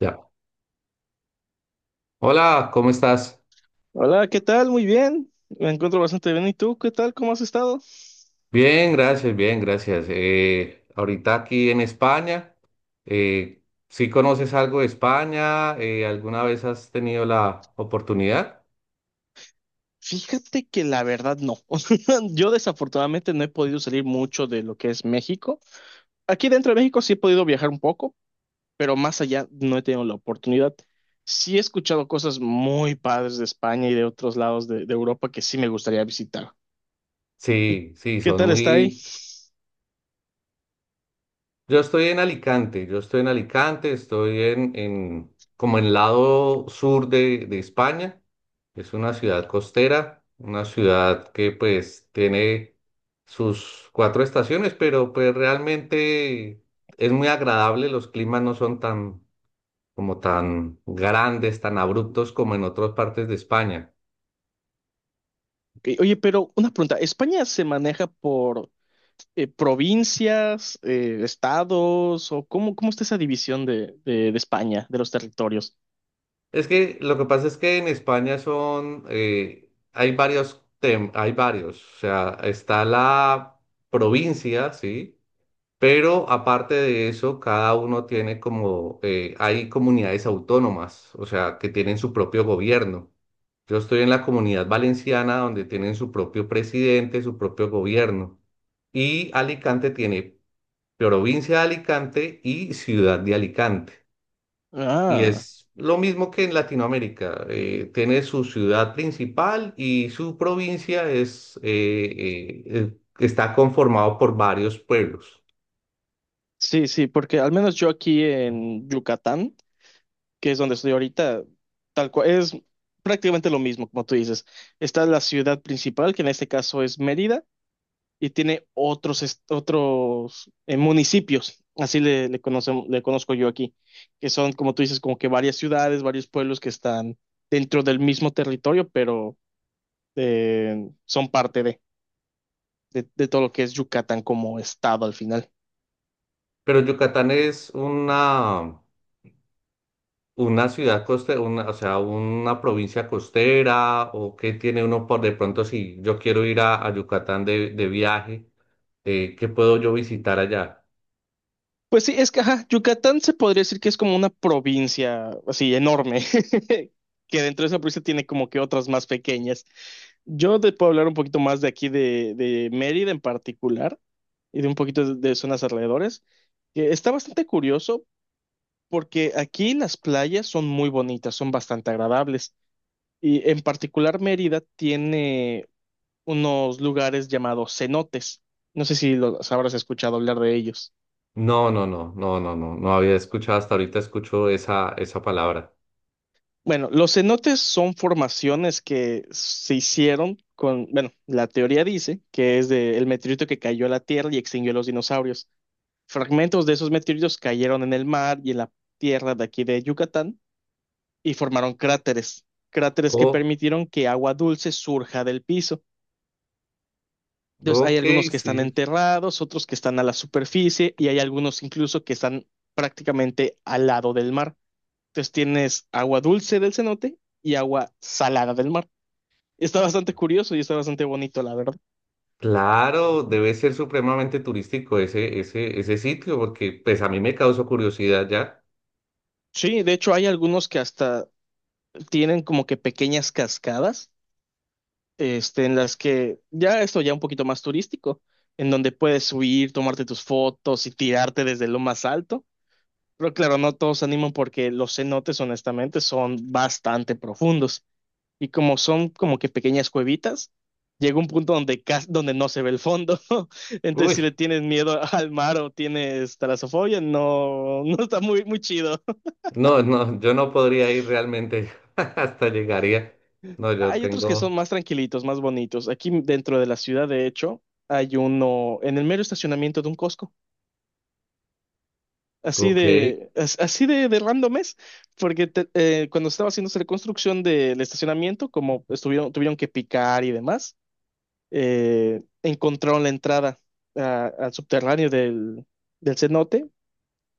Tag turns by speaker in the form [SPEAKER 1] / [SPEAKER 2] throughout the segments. [SPEAKER 1] Ya. Hola, ¿cómo estás?
[SPEAKER 2] Hola, ¿qué tal? Muy bien. Me encuentro bastante bien. ¿Y tú? ¿Qué tal? ¿Cómo has estado?
[SPEAKER 1] Bien, gracias, bien, gracias. Ahorita aquí en España, eh, ¿sí conoces algo de España? ¿Alguna vez has tenido la oportunidad?
[SPEAKER 2] Fíjate que la verdad no. Yo desafortunadamente no he podido salir mucho de lo que es México. Aquí dentro de México sí he podido viajar un poco, pero más allá no he tenido la oportunidad. Sí he escuchado cosas muy padres de España y de otros lados de Europa que sí me gustaría visitar. ¿Y
[SPEAKER 1] Sí, sí,
[SPEAKER 2] qué
[SPEAKER 1] son
[SPEAKER 2] tal está ahí?
[SPEAKER 1] muy, Yo estoy en Alicante, estoy en como en lado sur de España. Es una ciudad costera, una ciudad que pues tiene sus cuatro estaciones, pero pues realmente es muy agradable, los climas no son tan como tan grandes, tan abruptos como en otras partes de España.
[SPEAKER 2] Ok. Oye, pero una pregunta, ¿España se maneja por provincias, estados, o cómo está esa división de España, de los territorios?
[SPEAKER 1] Es que lo que pasa es que en España son, hay varios, o sea, está la provincia, ¿sí? Pero aparte de eso, cada uno tiene como, hay comunidades autónomas, o sea, que tienen su propio gobierno. Yo estoy en la comunidad valenciana donde tienen su propio presidente, su propio gobierno. Y Alicante tiene provincia de Alicante y ciudad de Alicante. Y
[SPEAKER 2] Ah,
[SPEAKER 1] es lo mismo que en Latinoamérica. Tiene su ciudad principal y su provincia está conformado por varios pueblos.
[SPEAKER 2] sí, sí, porque al menos yo aquí en Yucatán, que es donde estoy ahorita, tal cual, es prácticamente lo mismo, como tú dices. Está la ciudad principal, que en este caso es Mérida, y tiene otros municipios, así le conozco yo aquí, que son, como tú dices, como que varias ciudades, varios pueblos que están dentro del mismo territorio, pero son parte de todo lo que es Yucatán como estado al final.
[SPEAKER 1] Pero Yucatán es una ciudad costera, o sea, una provincia costera o que tiene uno por de pronto si yo quiero ir a Yucatán de viaje, ¿qué puedo yo visitar allá?
[SPEAKER 2] Pues sí, es que ajá, Yucatán se podría decir que es como una provincia así enorme, que dentro de esa provincia tiene como que otras más pequeñas. Yo te puedo hablar un poquito más de aquí de Mérida en particular y de un poquito de zonas alrededores. Que está bastante curioso porque aquí las playas son muy bonitas, son bastante agradables. Y en particular Mérida tiene unos lugares llamados cenotes. No sé si los habrás escuchado hablar de ellos.
[SPEAKER 1] No, no, no, no, no, no, no había escuchado hasta ahorita, escucho esa palabra.
[SPEAKER 2] Bueno, los cenotes son formaciones que se hicieron bueno, la teoría dice que es del meteorito que cayó a la Tierra y extinguió a los dinosaurios. Fragmentos de esos meteoritos cayeron en el mar y en la tierra de aquí de Yucatán y formaron cráteres, cráteres que
[SPEAKER 1] Oh,
[SPEAKER 2] permitieron que agua dulce surja del piso. Entonces, hay
[SPEAKER 1] ok,
[SPEAKER 2] algunos que están
[SPEAKER 1] sí.
[SPEAKER 2] enterrados, otros que están a la superficie y hay algunos incluso que están prácticamente al lado del mar. Entonces, tienes agua dulce del cenote y agua salada del mar. Está bastante curioso y está bastante bonito, la verdad.
[SPEAKER 1] Claro, debe ser supremamente turístico ese sitio, porque pues a mí me causó curiosidad ya.
[SPEAKER 2] Sí, de hecho, hay algunos que hasta tienen como que pequeñas cascadas, en las que ya esto ya un poquito más turístico, en donde puedes subir, tomarte tus fotos y tirarte desde lo más alto. Pero claro, no todos se animan porque los cenotes, honestamente, son bastante profundos. Y como son como que pequeñas cuevitas, llega un punto donde, donde no se ve el fondo. Entonces, si le
[SPEAKER 1] Uy,
[SPEAKER 2] tienes miedo al mar o tienes talasofobia, no, no está muy, muy chido.
[SPEAKER 1] no, no, yo no podría ir realmente hasta llegaría. No, yo
[SPEAKER 2] Hay otros que son
[SPEAKER 1] tengo,
[SPEAKER 2] más tranquilitos, más bonitos. Aquí dentro de la ciudad, de hecho, hay uno en el mero estacionamiento de un Costco.
[SPEAKER 1] ok.
[SPEAKER 2] Así de random es, porque cuando estaba haciéndose la construcción del estacionamiento, como estuvieron, tuvieron que picar y demás, encontraron la entrada al subterráneo del cenote.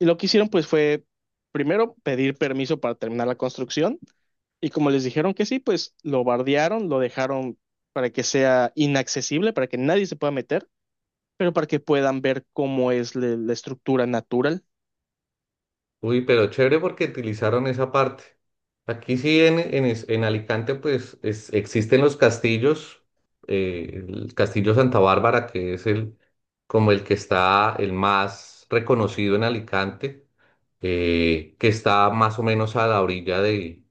[SPEAKER 2] Y lo que hicieron pues fue primero pedir permiso para terminar la construcción. Y como les dijeron que sí, pues lo bardearon, lo dejaron para que sea inaccesible, para que nadie se pueda meter, pero para que puedan ver cómo es la estructura natural.
[SPEAKER 1] Uy, pero chévere porque utilizaron esa parte. Aquí sí, en Alicante, pues existen los castillos, el Castillo Santa Bárbara, que es el, como el que está el más reconocido en Alicante, que está más o menos a la orilla de,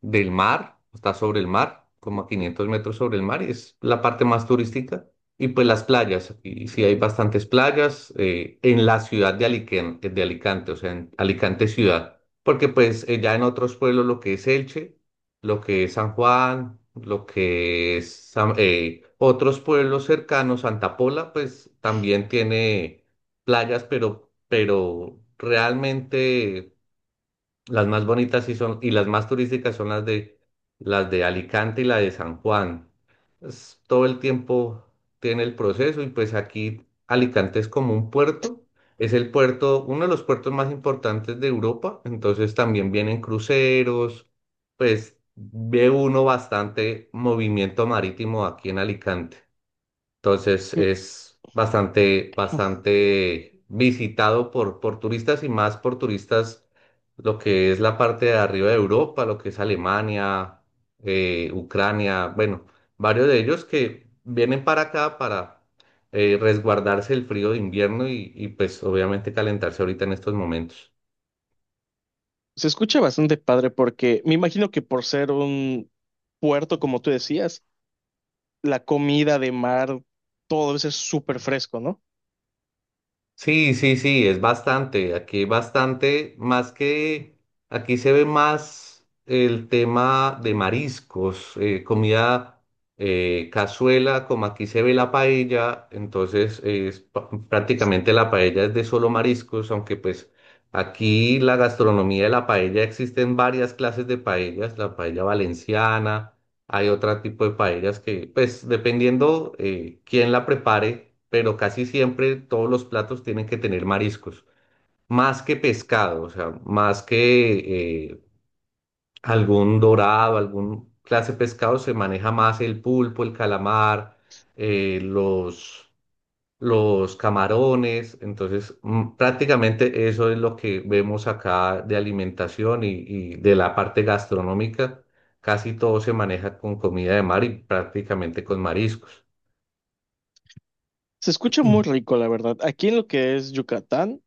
[SPEAKER 1] del mar, está sobre el mar, como a 500 metros sobre el mar, y es la parte más turística. Y pues las playas, aquí sí hay bastantes playas en la ciudad de Alicante, o sea, en Alicante ciudad, porque pues ya en otros pueblos lo que es Elche, lo que es San Juan, lo que es otros pueblos cercanos, Santa Pola, pues también tiene playas, pero realmente las más bonitas sí son, y las más turísticas son las de Alicante y la de San Juan. Todo el tiempo tiene el proceso y pues aquí Alicante es como un puerto, es el puerto, uno de los puertos más importantes de Europa, entonces también vienen cruceros, pues ve uno bastante movimiento marítimo aquí en Alicante. Entonces es bastante visitado por turistas y más por turistas, lo que es la parte de arriba de Europa, lo que es Alemania, Ucrania, bueno, varios de ellos que vienen para acá para resguardarse el frío de invierno y pues obviamente calentarse ahorita en estos momentos.
[SPEAKER 2] Se escucha bastante padre porque me imagino que por ser un puerto, como tú decías, la comida de mar, todo eso es súper fresco, ¿no?
[SPEAKER 1] Sí, sí, sí, es bastante. Aquí hay bastante, más que aquí se ve más el tema de mariscos, comida cazuela, como aquí se ve la paella, entonces es prácticamente la paella es de solo mariscos, aunque pues aquí la gastronomía de la paella existen varias clases de paellas, la paella valenciana. Hay otro tipo de paellas que, pues, dependiendo quién la prepare, pero casi siempre todos los platos tienen que tener mariscos, más que pescado, o sea, más que algún dorado, algún clase de pescado, se maneja más el pulpo, el calamar, eh, los los camarones, entonces prácticamente eso es lo que vemos acá de alimentación y de la parte gastronómica, casi todo se maneja con comida de mar y prácticamente con mariscos.
[SPEAKER 2] Se escucha muy
[SPEAKER 1] Mm.
[SPEAKER 2] rico, la verdad. Aquí en lo que es Yucatán,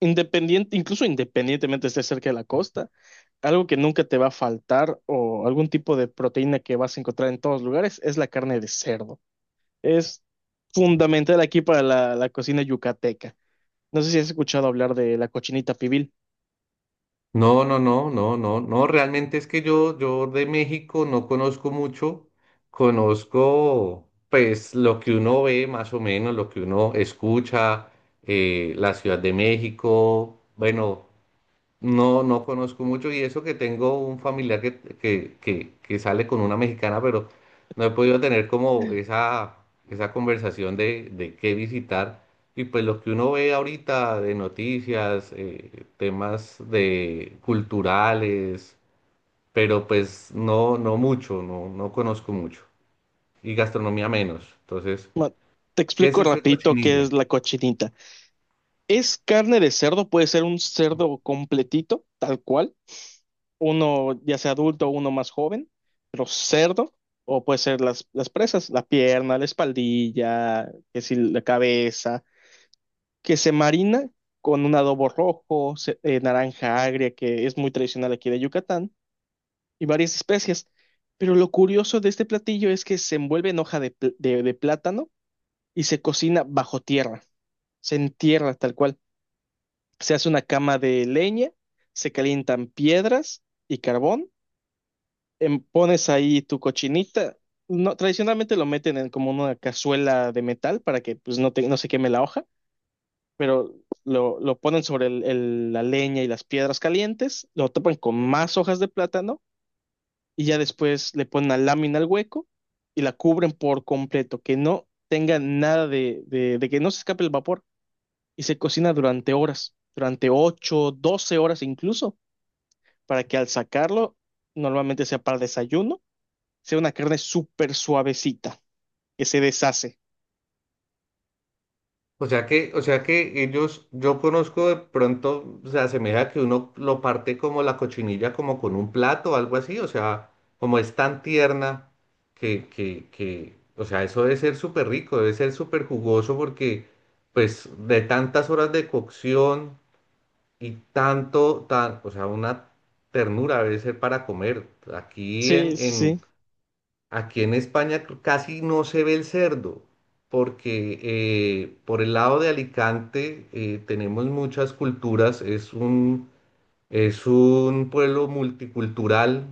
[SPEAKER 2] independiente, incluso independientemente esté cerca de la costa, algo que nunca te va a faltar o algún tipo de proteína que vas a encontrar en todos lugares es la carne de cerdo. Es fundamental aquí para la cocina yucateca. No sé si has escuchado hablar de la cochinita pibil.
[SPEAKER 1] No, no, no, no, no, no, realmente es que yo de México no conozco mucho, conozco pues lo que uno ve más o menos, lo que uno escucha, la Ciudad de México, bueno. No, no conozco mucho y eso que tengo un familiar que sale con una mexicana, pero no he podido tener como esa conversación de qué visitar. Y pues lo que uno ve ahorita de noticias, temas de culturales, pero pues no, no mucho, no, no conozco mucho. Y gastronomía menos. Entonces,
[SPEAKER 2] Ma- Te
[SPEAKER 1] ¿qué es
[SPEAKER 2] explico
[SPEAKER 1] eso de
[SPEAKER 2] rapidito qué
[SPEAKER 1] cochinilla?
[SPEAKER 2] es la cochinita. Es carne de cerdo, puede ser un cerdo completito, tal cual, uno ya sea adulto o uno más joven, pero cerdo, o puede ser las presas, la pierna, la espaldilla, que si la cabeza, que se marina con un adobo rojo, naranja agria, que es muy tradicional aquí de Yucatán, y varias especias. Pero lo curioso de este platillo es que se envuelve en hoja de plátano y se cocina bajo tierra. Se entierra tal cual. Se hace una cama de leña, se calientan piedras y carbón, pones ahí tu cochinita. No, tradicionalmente lo meten en como una cazuela de metal para que pues, no, no se queme la hoja, pero lo ponen sobre la leña y las piedras calientes, lo tapan con más hojas de plátano y ya después le ponen la lámina al hueco y la cubren por completo, que no tenga nada de que no se escape el vapor. Y se cocina durante horas, durante 8 12 horas incluso, para que al sacarlo, normalmente sea para desayuno, sea una carne súper suavecita, que se deshace.
[SPEAKER 1] O sea que ellos, yo conozco de pronto, se asemeja que uno lo parte como la cochinilla, como con un plato o algo así, o sea, como es tan tierna que, o sea, eso debe ser súper rico, debe ser súper jugoso porque, pues, de tantas horas de cocción y tanto, o sea, una ternura debe ser para comer. Aquí en,
[SPEAKER 2] Sí, sí,
[SPEAKER 1] en,
[SPEAKER 2] sí.
[SPEAKER 1] Aquí en España casi no se ve el cerdo, porque por el lado de Alicante tenemos muchas culturas, es un pueblo multicultural,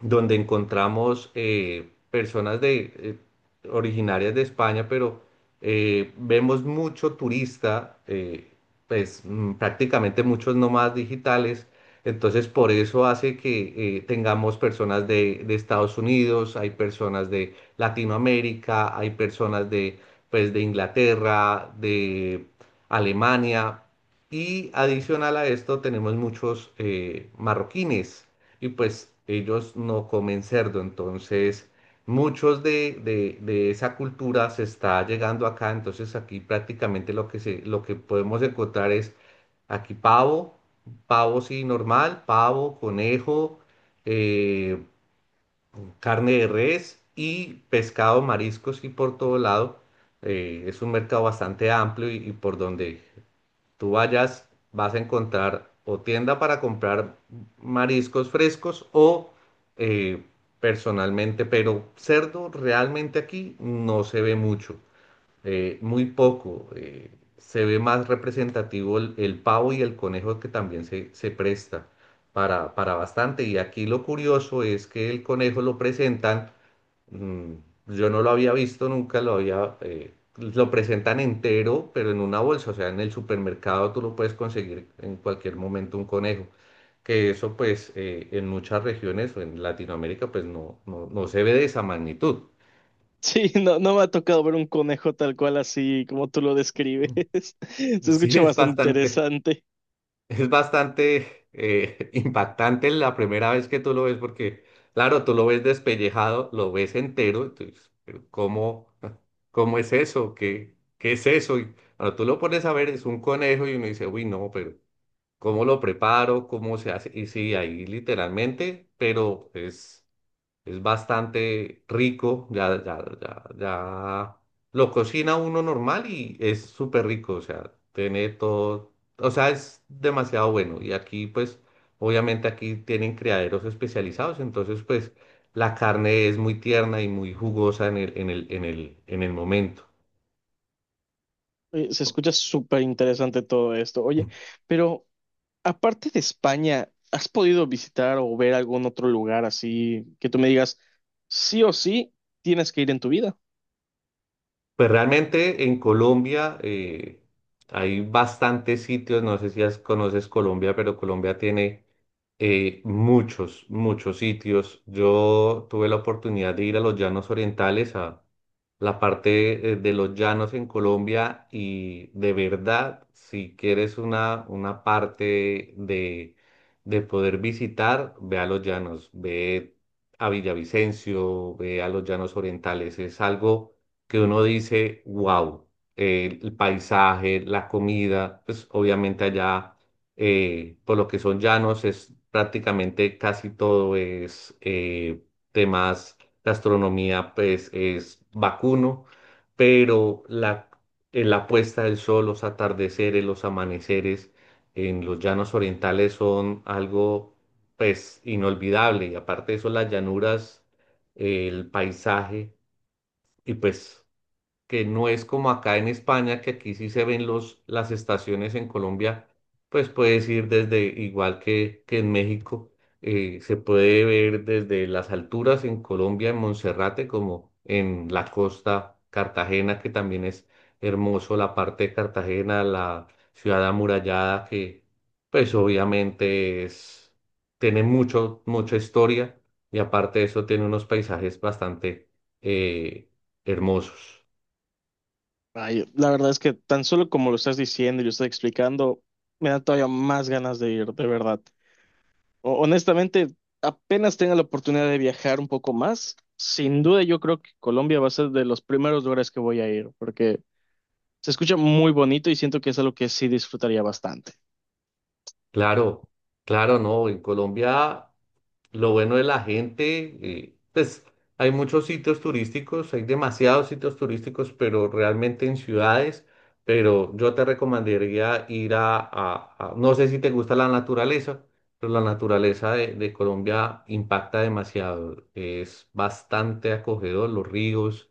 [SPEAKER 1] donde encontramos personas originarias de España, pero vemos mucho turista, pues prácticamente muchos nómadas digitales. Entonces, por eso hace que tengamos personas de Estados Unidos, hay personas de Latinoamérica, hay personas de, pues, de Inglaterra, de Alemania. Y adicional a esto tenemos muchos marroquines y pues ellos no comen cerdo. Entonces, muchos de esa cultura se está llegando acá. Entonces, aquí prácticamente lo que podemos encontrar es aquí pavo, pavo sí normal, pavo, conejo, eh, carne de res y pescado, mariscos y por todo lado. Es un mercado bastante amplio y por donde tú vayas, vas a encontrar o tienda para comprar mariscos frescos o eh, personalmente, pero cerdo realmente aquí no se ve mucho, muy poco. Se ve más representativo el pavo y el conejo que también se presta para bastante. Y aquí lo curioso es que el conejo lo presentan Mm, yo no lo había visto, nunca lo había, lo presentan entero, pero en una bolsa, o sea, en el supermercado tú lo puedes conseguir en cualquier momento un conejo. Que eso pues en muchas regiones o en Latinoamérica pues no, no, no se ve de esa magnitud.
[SPEAKER 2] Sí, no, no me ha tocado ver un conejo tal cual así como tú lo describes. Se
[SPEAKER 1] Sí,
[SPEAKER 2] escucha
[SPEAKER 1] es
[SPEAKER 2] bastante
[SPEAKER 1] bastante,
[SPEAKER 2] interesante.
[SPEAKER 1] Impactante la primera vez que tú lo ves porque, claro, tú lo ves despellejado, lo ves entero, entonces, pero ¿cómo, cómo es eso? ¿Qué es eso? Y cuando tú lo pones a ver, es un conejo y uno dice, uy, no, pero ¿cómo lo preparo? ¿Cómo se hace? Y sí, ahí literalmente, pero es. Es bastante rico, ya, ya, ya, ya lo cocina uno normal y es súper rico, o sea, tiene todo, o sea, es demasiado bueno. Y aquí, pues, obviamente aquí tienen criaderos especializados, entonces, pues, la carne es muy tierna y muy jugosa en el momento.
[SPEAKER 2] Oye, se escucha súper interesante todo esto. Oye, pero aparte de España, ¿has podido visitar o ver algún otro lugar así que tú me digas, sí o sí, tienes que ir en tu vida?
[SPEAKER 1] Pues realmente en Colombia hay bastantes sitios, no sé si conoces Colombia, pero Colombia tiene muchos sitios. Yo tuve la oportunidad de ir a los Llanos Orientales, a la parte de los llanos en Colombia y de verdad, si quieres una parte de poder visitar, ve a los llanos, ve a Villavicencio, ve a los Llanos Orientales, es algo que uno dice, wow, el paisaje, la comida, pues obviamente allá, por lo que son llanos, es prácticamente casi todo es temas, gastronomía, pues es vacuno, pero la puesta del sol, los atardeceres, los amaneceres en los llanos orientales son algo, pues, inolvidable. Y aparte de eso, las llanuras, el paisaje y pues que no es como acá en España, que aquí sí se ven las estaciones en Colombia, pues puedes ir desde, igual que en México, se puede ver desde las alturas en Colombia, en Monserrate, como en la costa Cartagena, que también es hermoso, la parte de Cartagena, la ciudad amurallada, que pues obviamente tiene mucha historia y aparte de eso tiene unos paisajes bastante eh, hermosos.
[SPEAKER 2] Ay, la verdad es que tan solo como lo estás diciendo y lo estás explicando, me da todavía más ganas de ir, de verdad. Honestamente, apenas tenga la oportunidad de viajar un poco más, sin duda yo creo que Colombia va a ser de los primeros lugares que voy a ir, porque se escucha muy bonito y siento que es algo que sí disfrutaría bastante.
[SPEAKER 1] Claro, claro, no. En Colombia lo bueno de la gente, pues hay muchos sitios turísticos, hay demasiados sitios turísticos, pero realmente en ciudades, pero yo te recomendaría ir no sé si te gusta la naturaleza, pero la naturaleza de Colombia impacta demasiado, es bastante acogedor, los ríos,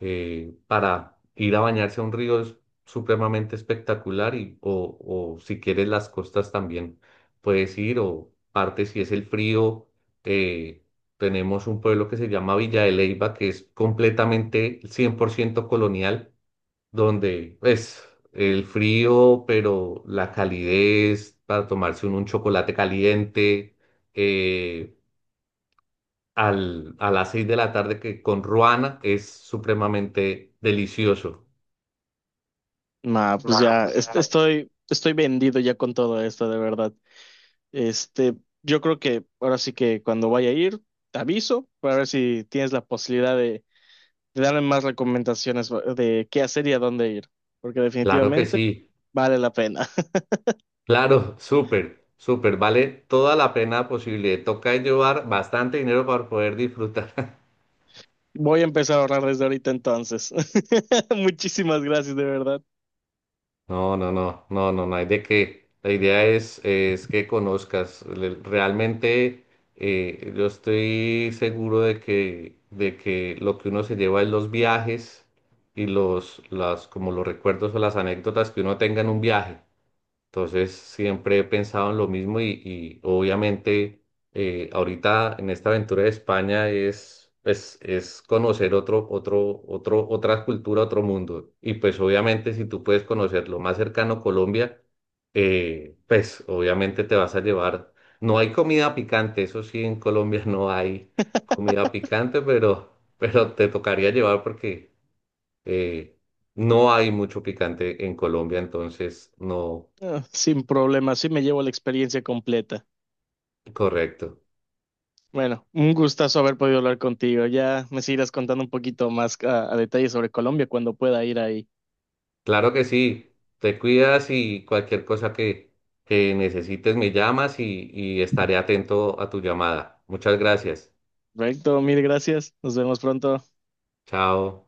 [SPEAKER 1] para ir a bañarse a un río es supremamente espectacular o si quieres las costas también puedes ir o parte si es el frío eh, tenemos un pueblo que se llama Villa de Leyva, que es completamente 100% colonial, donde es el frío, pero la calidez para tomarse un chocolate caliente, eh, a las 6 de la tarde que con ruana es supremamente delicioso.
[SPEAKER 2] Nah, pues ya estoy vendido ya con todo esto, de verdad. Este, yo creo que ahora sí que cuando vaya a ir, te aviso para ver si tienes la posibilidad de darme más recomendaciones de qué hacer y a dónde ir, porque
[SPEAKER 1] Claro que
[SPEAKER 2] definitivamente
[SPEAKER 1] sí,
[SPEAKER 2] vale la pena.
[SPEAKER 1] claro, súper. Súper, vale toda la pena posible. Toca llevar bastante dinero para poder disfrutar.
[SPEAKER 2] Voy a empezar a ahorrar desde ahorita entonces. Muchísimas gracias, de verdad.
[SPEAKER 1] No, no, no, no, no, no hay de qué. La idea es que conozcas. Realmente yo estoy seguro de que lo que uno se lleva en los viajes y las, como los recuerdos o las anécdotas que uno tenga en un viaje. Entonces, siempre he pensado en lo mismo y obviamente ahorita en esta aventura de España pues es conocer otra cultura, otro mundo. Y pues obviamente si tú puedes conocer lo más cercano a Colombia, pues obviamente te vas a llevar. No hay comida picante, eso sí, en Colombia no hay comida picante, pero te tocaría llevar porque eh, no hay mucho picante en Colombia, entonces no.
[SPEAKER 2] Ah, sin problema, así me llevo la experiencia completa.
[SPEAKER 1] Correcto.
[SPEAKER 2] Bueno, un gustazo haber podido hablar contigo. Ya me seguirás contando un poquito más a detalle sobre Colombia cuando pueda ir ahí.
[SPEAKER 1] Claro que sí. Te cuidas y cualquier cosa que necesites me llamas y estaré atento a tu llamada. Muchas gracias.
[SPEAKER 2] Perfecto, mil gracias. Nos vemos pronto.
[SPEAKER 1] Chao.